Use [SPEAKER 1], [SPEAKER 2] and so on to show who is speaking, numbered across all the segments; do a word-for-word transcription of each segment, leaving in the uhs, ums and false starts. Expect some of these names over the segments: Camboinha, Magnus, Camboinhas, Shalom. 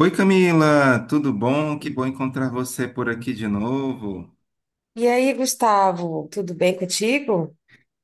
[SPEAKER 1] Oi Camila, tudo bom? Que bom encontrar você por aqui de novo.
[SPEAKER 2] E aí, Gustavo, tudo bem contigo?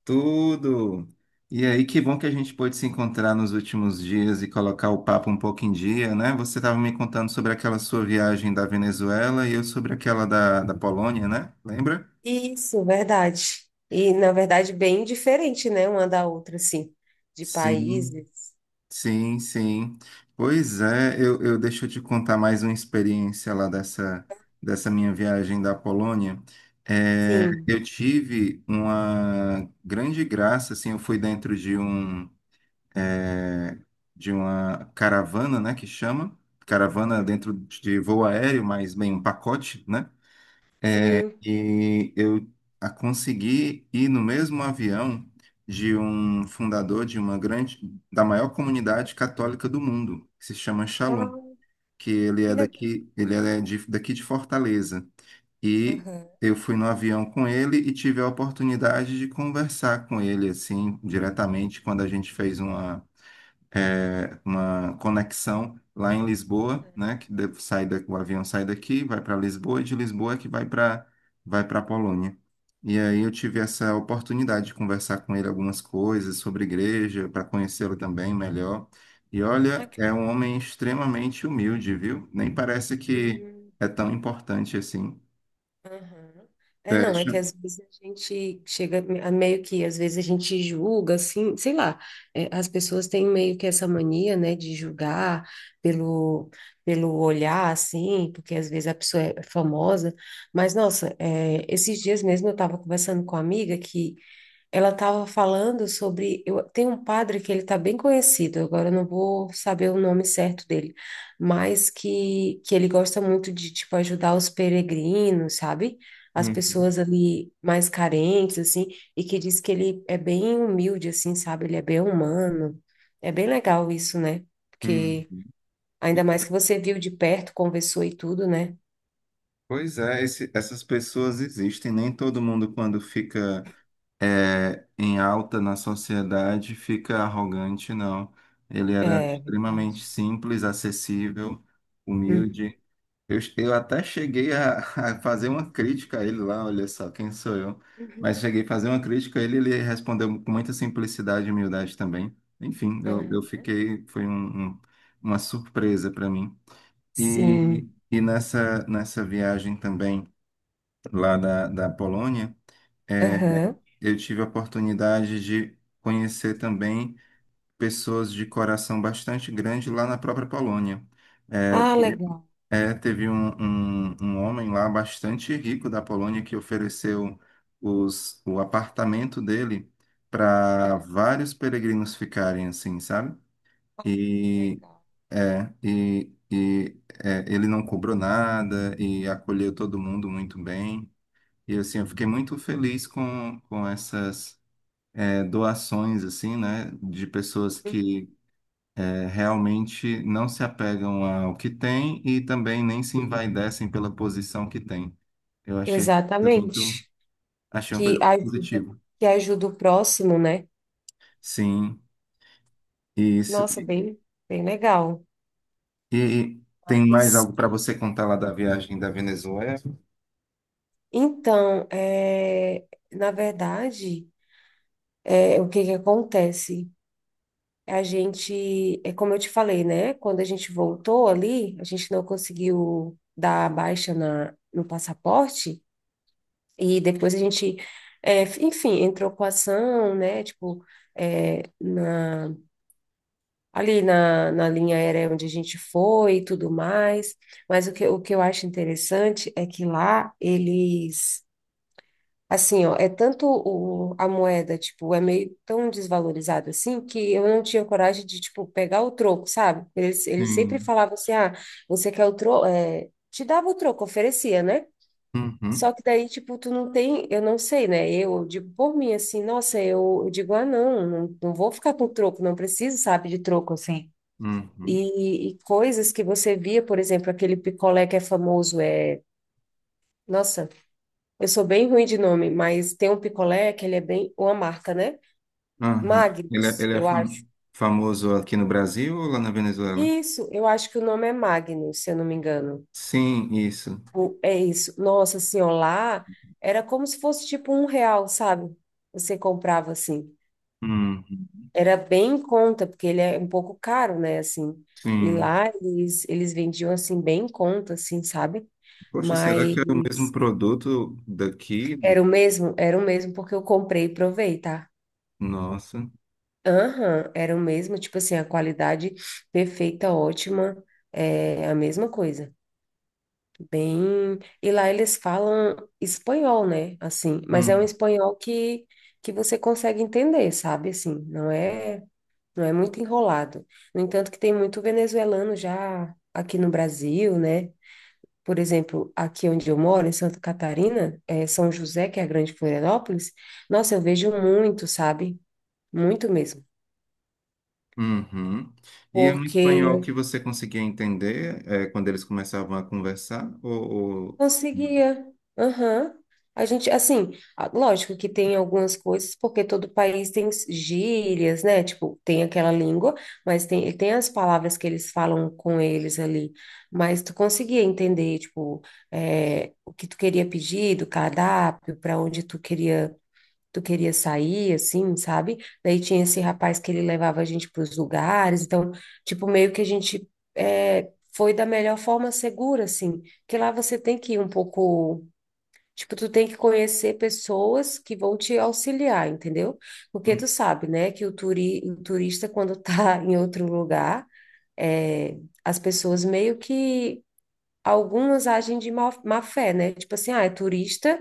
[SPEAKER 1] Tudo. E aí, que bom que a gente pôde se encontrar nos últimos dias e colocar o papo um pouco em dia, né? Você estava me contando sobre aquela sua viagem da Venezuela e eu sobre aquela da, da Polônia, né? Lembra?
[SPEAKER 2] Isso, verdade. E, na verdade, bem diferente, né, uma da outra, assim, de
[SPEAKER 1] Sim.
[SPEAKER 2] países.
[SPEAKER 1] Sim, sim. Pois é, eu, eu deixa eu te contar mais uma experiência lá dessa, dessa minha viagem da Polônia. É,
[SPEAKER 2] Sim,
[SPEAKER 1] eu tive uma grande graça, assim, eu fui dentro de um, é, de uma caravana, né, que chama, caravana dentro de voo aéreo, mas bem, um pacote, né?
[SPEAKER 2] sim.
[SPEAKER 1] E eu a- consegui ir no mesmo avião de um fundador de uma grande, da maior comunidade católica do mundo, que se chama Shalom,
[SPEAKER 2] Ah,
[SPEAKER 1] que ele é
[SPEAKER 2] que legal.
[SPEAKER 1] daqui, ele é de, daqui de Fortaleza. E
[SPEAKER 2] Aham.
[SPEAKER 1] eu fui no avião com ele e tive a oportunidade de conversar com ele assim diretamente quando a gente fez uma é, uma conexão lá em Lisboa, né? Que de- sai da, O avião sai daqui, vai para Lisboa, e de Lisboa é que vai para vai para Polônia. E aí eu tive essa oportunidade de conversar com ele algumas coisas sobre igreja, para conhecê-lo também melhor. E
[SPEAKER 2] Ah,
[SPEAKER 1] olha, é
[SPEAKER 2] que
[SPEAKER 1] um homem extremamente humilde, viu? Nem parece que
[SPEAKER 2] legal.
[SPEAKER 1] é tão importante assim.
[SPEAKER 2] Aham. É, não, é
[SPEAKER 1] Fecha.
[SPEAKER 2] que às vezes a gente chega a meio que, às vezes a gente julga, assim, sei lá, é, as pessoas têm meio que essa mania, né, de julgar pelo, pelo olhar, assim, porque às vezes a pessoa é famosa, mas, nossa, é, esses dias mesmo eu estava conversando com uma amiga que ela estava falando sobre. Eu, tem um padre que ele está bem conhecido, agora eu não vou saber o nome certo dele, mas que, que ele gosta muito de tipo, ajudar os peregrinos, sabe? As
[SPEAKER 1] Uhum,
[SPEAKER 2] pessoas ali mais carentes, assim, e que diz que ele é bem humilde, assim, sabe? Ele é bem humano. É bem legal isso, né? Porque
[SPEAKER 1] uhum.
[SPEAKER 2] ainda mais que você viu de perto, conversou e tudo, né?
[SPEAKER 1] Pois é, esse- essas pessoas existem. Nem todo mundo, quando fica é, em alta na sociedade fica arrogante, não. Ele era
[SPEAKER 2] É
[SPEAKER 1] extremamente
[SPEAKER 2] verdade.
[SPEAKER 1] simples, acessível,
[SPEAKER 2] Uhum.
[SPEAKER 1] humilde. Eu, eu até cheguei a, a fazer uma crítica a ele lá, olha só, quem sou eu?
[SPEAKER 2] Uhum.
[SPEAKER 1] Mas cheguei a fazer uma crítica a ele, ele respondeu com muita simplicidade e humildade também. Enfim, eu, eu
[SPEAKER 2] Aham.
[SPEAKER 1] fiquei, foi um, um- uma surpresa para mim. E,
[SPEAKER 2] Sim.
[SPEAKER 1] e nessa, nessa viagem também lá da, da Polônia,
[SPEAKER 2] Aham.
[SPEAKER 1] eu tive a oportunidade de conhecer também pessoas de coração bastante grande lá na própria Polônia. É,
[SPEAKER 2] Ah, legal.
[SPEAKER 1] é, teve um, um, um homem lá bastante rico da Polônia que ofereceu os, o apartamento dele para vários peregrinos ficarem assim, sabe?
[SPEAKER 2] Que
[SPEAKER 1] E,
[SPEAKER 2] legal.
[SPEAKER 1] é, e, e é, ele não cobrou nada e acolheu todo mundo muito bem. E assim, eu fiquei muito feliz com, com essas é, doações assim, né, de pessoas que é, realmente não se apegam ao que têm e também nem se
[SPEAKER 2] Sim.
[SPEAKER 1] envaidecem pela posição que têm. Eu achei isso muito,
[SPEAKER 2] Exatamente.
[SPEAKER 1] achei uma
[SPEAKER 2] Que
[SPEAKER 1] coisa muito
[SPEAKER 2] ajuda,
[SPEAKER 1] positiva.
[SPEAKER 2] que ajuda o próximo, né?
[SPEAKER 1] Sim, e isso.
[SPEAKER 2] Nossa, bem, bem legal.
[SPEAKER 1] E tem mais
[SPEAKER 2] Mas,
[SPEAKER 1] algo para você contar lá da viagem da Venezuela?
[SPEAKER 2] Então, é, na verdade, é, o que que acontece? A gente, é como eu te falei, né? Quando a gente voltou ali, a gente não conseguiu dar a baixa na, no passaporte e depois a gente, é, enfim, entrou com ação, né? Tipo, é, na ali na, na linha aérea onde a gente foi e tudo mais. Mas o que, o que eu acho interessante é que lá eles, assim, ó, é tanto o, a moeda, tipo, é meio tão desvalorizado assim que eu não tinha coragem de, tipo, pegar o troco, sabe? Eles, eles sempre
[SPEAKER 1] Sim.
[SPEAKER 2] falavam assim, ah, você quer o troco, é, te dava o troco, oferecia, né?
[SPEAKER 1] Uhum,
[SPEAKER 2] Só que daí, tipo, tu não tem, eu não sei, né? Eu digo por mim, assim, nossa, eu, eu digo, ah, não, não, não vou ficar com troco, não preciso, sabe, de troco, assim.
[SPEAKER 1] uhum,
[SPEAKER 2] E, e coisas que você via, por exemplo, aquele picolé que é famoso, é. Nossa, eu sou bem ruim de nome, mas tem um picolé que ele é bem. Uma marca, né?
[SPEAKER 1] uhum. Ele é,
[SPEAKER 2] Magnus,
[SPEAKER 1] ele é
[SPEAKER 2] eu
[SPEAKER 1] fam-
[SPEAKER 2] acho.
[SPEAKER 1] famoso aqui no Brasil ou lá na Venezuela?
[SPEAKER 2] Isso, eu acho que o nome é Magnus, se eu não me engano.
[SPEAKER 1] Sim, isso.
[SPEAKER 2] O- É isso. Nossa senhora, lá era como se fosse tipo um real, sabe? Você comprava assim.
[SPEAKER 1] Uhum,
[SPEAKER 2] Era bem em conta, porque ele é um pouco caro, né? Assim. E
[SPEAKER 1] sim.
[SPEAKER 2] lá eles, eles vendiam assim, bem em conta, assim, sabe?
[SPEAKER 1] Poxa, será que é o mesmo
[SPEAKER 2] Mas
[SPEAKER 1] produto daqui?
[SPEAKER 2] era o mesmo? Era o mesmo, porque eu comprei e provei, tá?
[SPEAKER 1] Nossa.
[SPEAKER 2] Aham, era o mesmo, tipo assim, a qualidade perfeita, ótima, é a mesma coisa. Bem. E lá eles falam espanhol, né? Assim, mas é um
[SPEAKER 1] Hum,
[SPEAKER 2] espanhol que, que você consegue entender, sabe? Assim, não é, não é muito enrolado. No entanto, que tem muito venezuelano já aqui no Brasil, né? Por exemplo, aqui onde eu moro, em Santa Catarina, é São José, que é a grande Florianópolis, nossa, eu vejo muito, sabe? Muito mesmo.
[SPEAKER 1] Uhum. E é um espanhol que
[SPEAKER 2] Porque
[SPEAKER 1] você conseguia entender, é, quando eles começavam a conversar? Ou, ou-
[SPEAKER 2] conseguia. Aham. A gente, assim, a- lógico que tem algumas coisas, porque todo país tem gírias, né? Tipo, tem aquela língua, mas tem, tem as palavras que eles falam com eles ali. Mas tu conseguia entender, tipo, é, o que tu queria pedir do cardápio, para onde tu queria tu queria sair, assim, sabe? Daí tinha esse rapaz que ele levava a gente para os lugares, então, tipo, meio que a gente é, foi da melhor forma segura, assim, que lá você tem que ir um pouco. Tipo, tu tem que conhecer pessoas que vão te auxiliar, entendeu? Porque
[SPEAKER 1] Hum.
[SPEAKER 2] tu sabe, né, que o, turi, o turista, quando tá em outro lugar, é, as pessoas meio que algumas agem de má, má fé, né? Tipo assim, ah, é turista,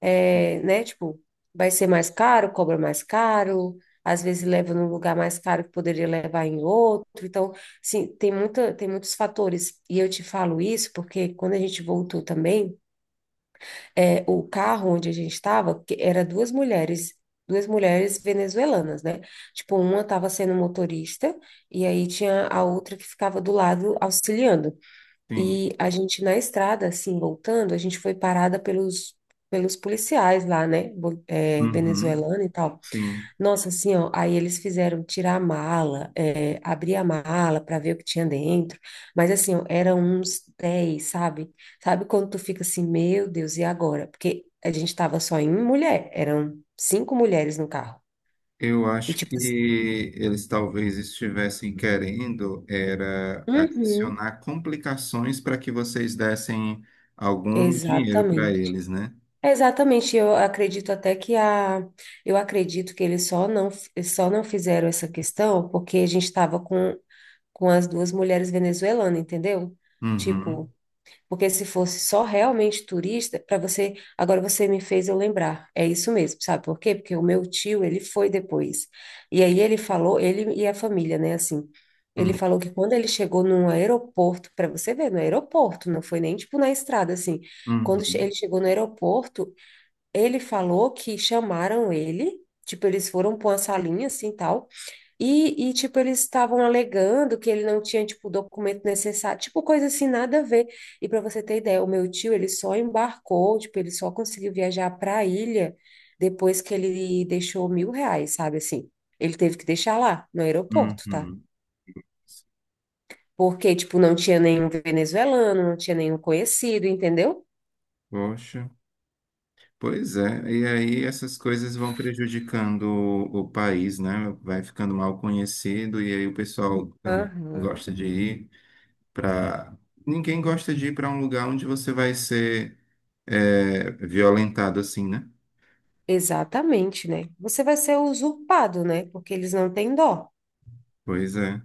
[SPEAKER 2] é, né? Tipo, vai ser mais caro, cobra mais caro, às vezes leva num lugar mais caro que poderia levar em outro. Então, sim, tem muita, tem muitos fatores. E eu te falo isso porque quando a gente voltou também, é, o carro onde a gente estava, que era duas mulheres. Duas mulheres venezuelanas, né? Tipo, uma estava sendo motorista e aí tinha a outra que ficava do lado auxiliando.
[SPEAKER 1] Sim.
[SPEAKER 2] E a gente na estrada, assim, voltando, a gente foi parada pelos, pelos policiais lá, né? Bo- É,
[SPEAKER 1] Uhum.
[SPEAKER 2] venezuelano e tal.
[SPEAKER 1] Sim.
[SPEAKER 2] Nossa, assim, ó, aí eles fizeram tirar a mala, é, abrir a mala para ver o que tinha dentro. Mas assim, ó, eram uns dez, sabe? Sabe quando tu fica assim, meu Deus, e agora? Porque a gente tava só em mulher, eram cinco mulheres no carro.
[SPEAKER 1] Eu
[SPEAKER 2] E
[SPEAKER 1] acho
[SPEAKER 2] tipo
[SPEAKER 1] que
[SPEAKER 2] assim,
[SPEAKER 1] eles talvez estivessem querendo era
[SPEAKER 2] uhum,
[SPEAKER 1] adicionar complicações para que vocês dessem algum dinheiro para
[SPEAKER 2] exatamente.
[SPEAKER 1] eles, né?
[SPEAKER 2] É, exatamente, eu acredito até que a, eu acredito que eles só não, eles só não fizeram essa questão porque a gente estava com, com as duas mulheres venezuelanas, entendeu? Tipo,
[SPEAKER 1] Uhum.
[SPEAKER 2] porque se fosse só realmente turista, para você, agora você me fez eu lembrar, é isso mesmo, sabe por quê? Porque o meu tio, ele foi depois, e aí ele falou, ele e a família, né, assim, ele
[SPEAKER 1] Uhum.
[SPEAKER 2] falou que quando ele chegou num aeroporto, para você ver, no aeroporto, não foi nem tipo na estrada, assim, quando che-
[SPEAKER 1] Uhum.
[SPEAKER 2] ele chegou no aeroporto, ele falou que chamaram ele, tipo, eles foram para uma salinha assim tal, e, e tipo, eles estavam alegando que ele não tinha, tipo, o documento necessário, tipo, coisa assim, nada a ver. E para você ter ideia, o meu tio, ele só embarcou, tipo, ele só conseguiu viajar para a ilha depois que ele deixou mil reais, sabe assim? Ele teve que deixar lá, no aeroporto, tá?
[SPEAKER 1] Uhum.
[SPEAKER 2] Porque, tipo, não tinha nenhum venezuelano, não tinha nenhum conhecido, entendeu?
[SPEAKER 1] Poxa. Pois é, e aí essas coisas vão prejudicando o, o país, né? Vai ficando mal conhecido e aí o pessoal tam-
[SPEAKER 2] Aham.
[SPEAKER 1] gosta de ir para. Ninguém gosta de ir para um lugar onde você vai ser é, violentado assim, né?
[SPEAKER 2] Exatamente, né? Você vai ser usurpado, né? Porque eles não têm dó.
[SPEAKER 1] Pois é.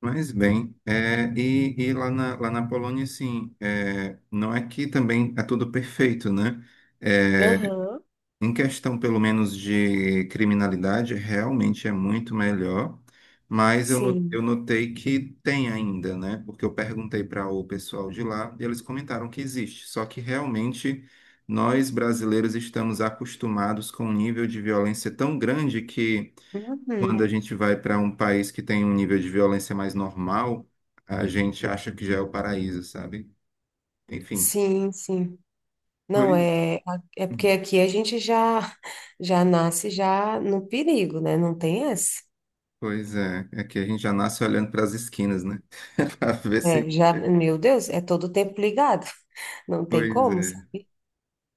[SPEAKER 1] Mas bem, é, e, e lá na, lá na Polônia, assim, é, não é que também é tudo perfeito, né? É,
[SPEAKER 2] Aham,
[SPEAKER 1] em questão, pelo menos, de criminalidade, realmente é muito melhor, mas eu, no- eu
[SPEAKER 2] sim.
[SPEAKER 1] notei que tem ainda, né? Porque eu perguntei para o pessoal de lá e eles comentaram que existe. Só que realmente nós brasileiros estamos acostumados com um nível de violência tão grande que quando
[SPEAKER 2] Uhum.
[SPEAKER 1] a gente vai para um país que tem um nível de violência mais normal, a gente acha que já é o paraíso, sabe? Enfim.
[SPEAKER 2] Sim, sim. Não,
[SPEAKER 1] Pois.
[SPEAKER 2] é, é porque
[SPEAKER 1] Hum.
[SPEAKER 2] aqui a gente já já nasce já no perigo, né? Não tem essa.
[SPEAKER 1] Pois é, é que a gente já nasce olhando para as esquinas, né? Para ver se.
[SPEAKER 2] É, já, meu Deus, é todo tempo ligado. Não tem
[SPEAKER 1] Pois
[SPEAKER 2] como,
[SPEAKER 1] é.
[SPEAKER 2] sabe?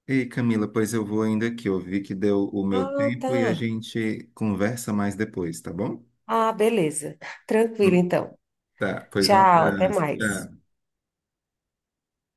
[SPEAKER 1] Ei, Camila, pois eu vou ainda aqui. Eu vi que deu o meu
[SPEAKER 2] Ah,
[SPEAKER 1] tempo
[SPEAKER 2] tá.
[SPEAKER 1] e a gente conversa mais depois, tá bom?
[SPEAKER 2] Ah, beleza. Tranquilo,
[SPEAKER 1] Hum.
[SPEAKER 2] então.
[SPEAKER 1] Tá, pois um
[SPEAKER 2] Tchau, até
[SPEAKER 1] abraço.
[SPEAKER 2] mais.
[SPEAKER 1] Tchau.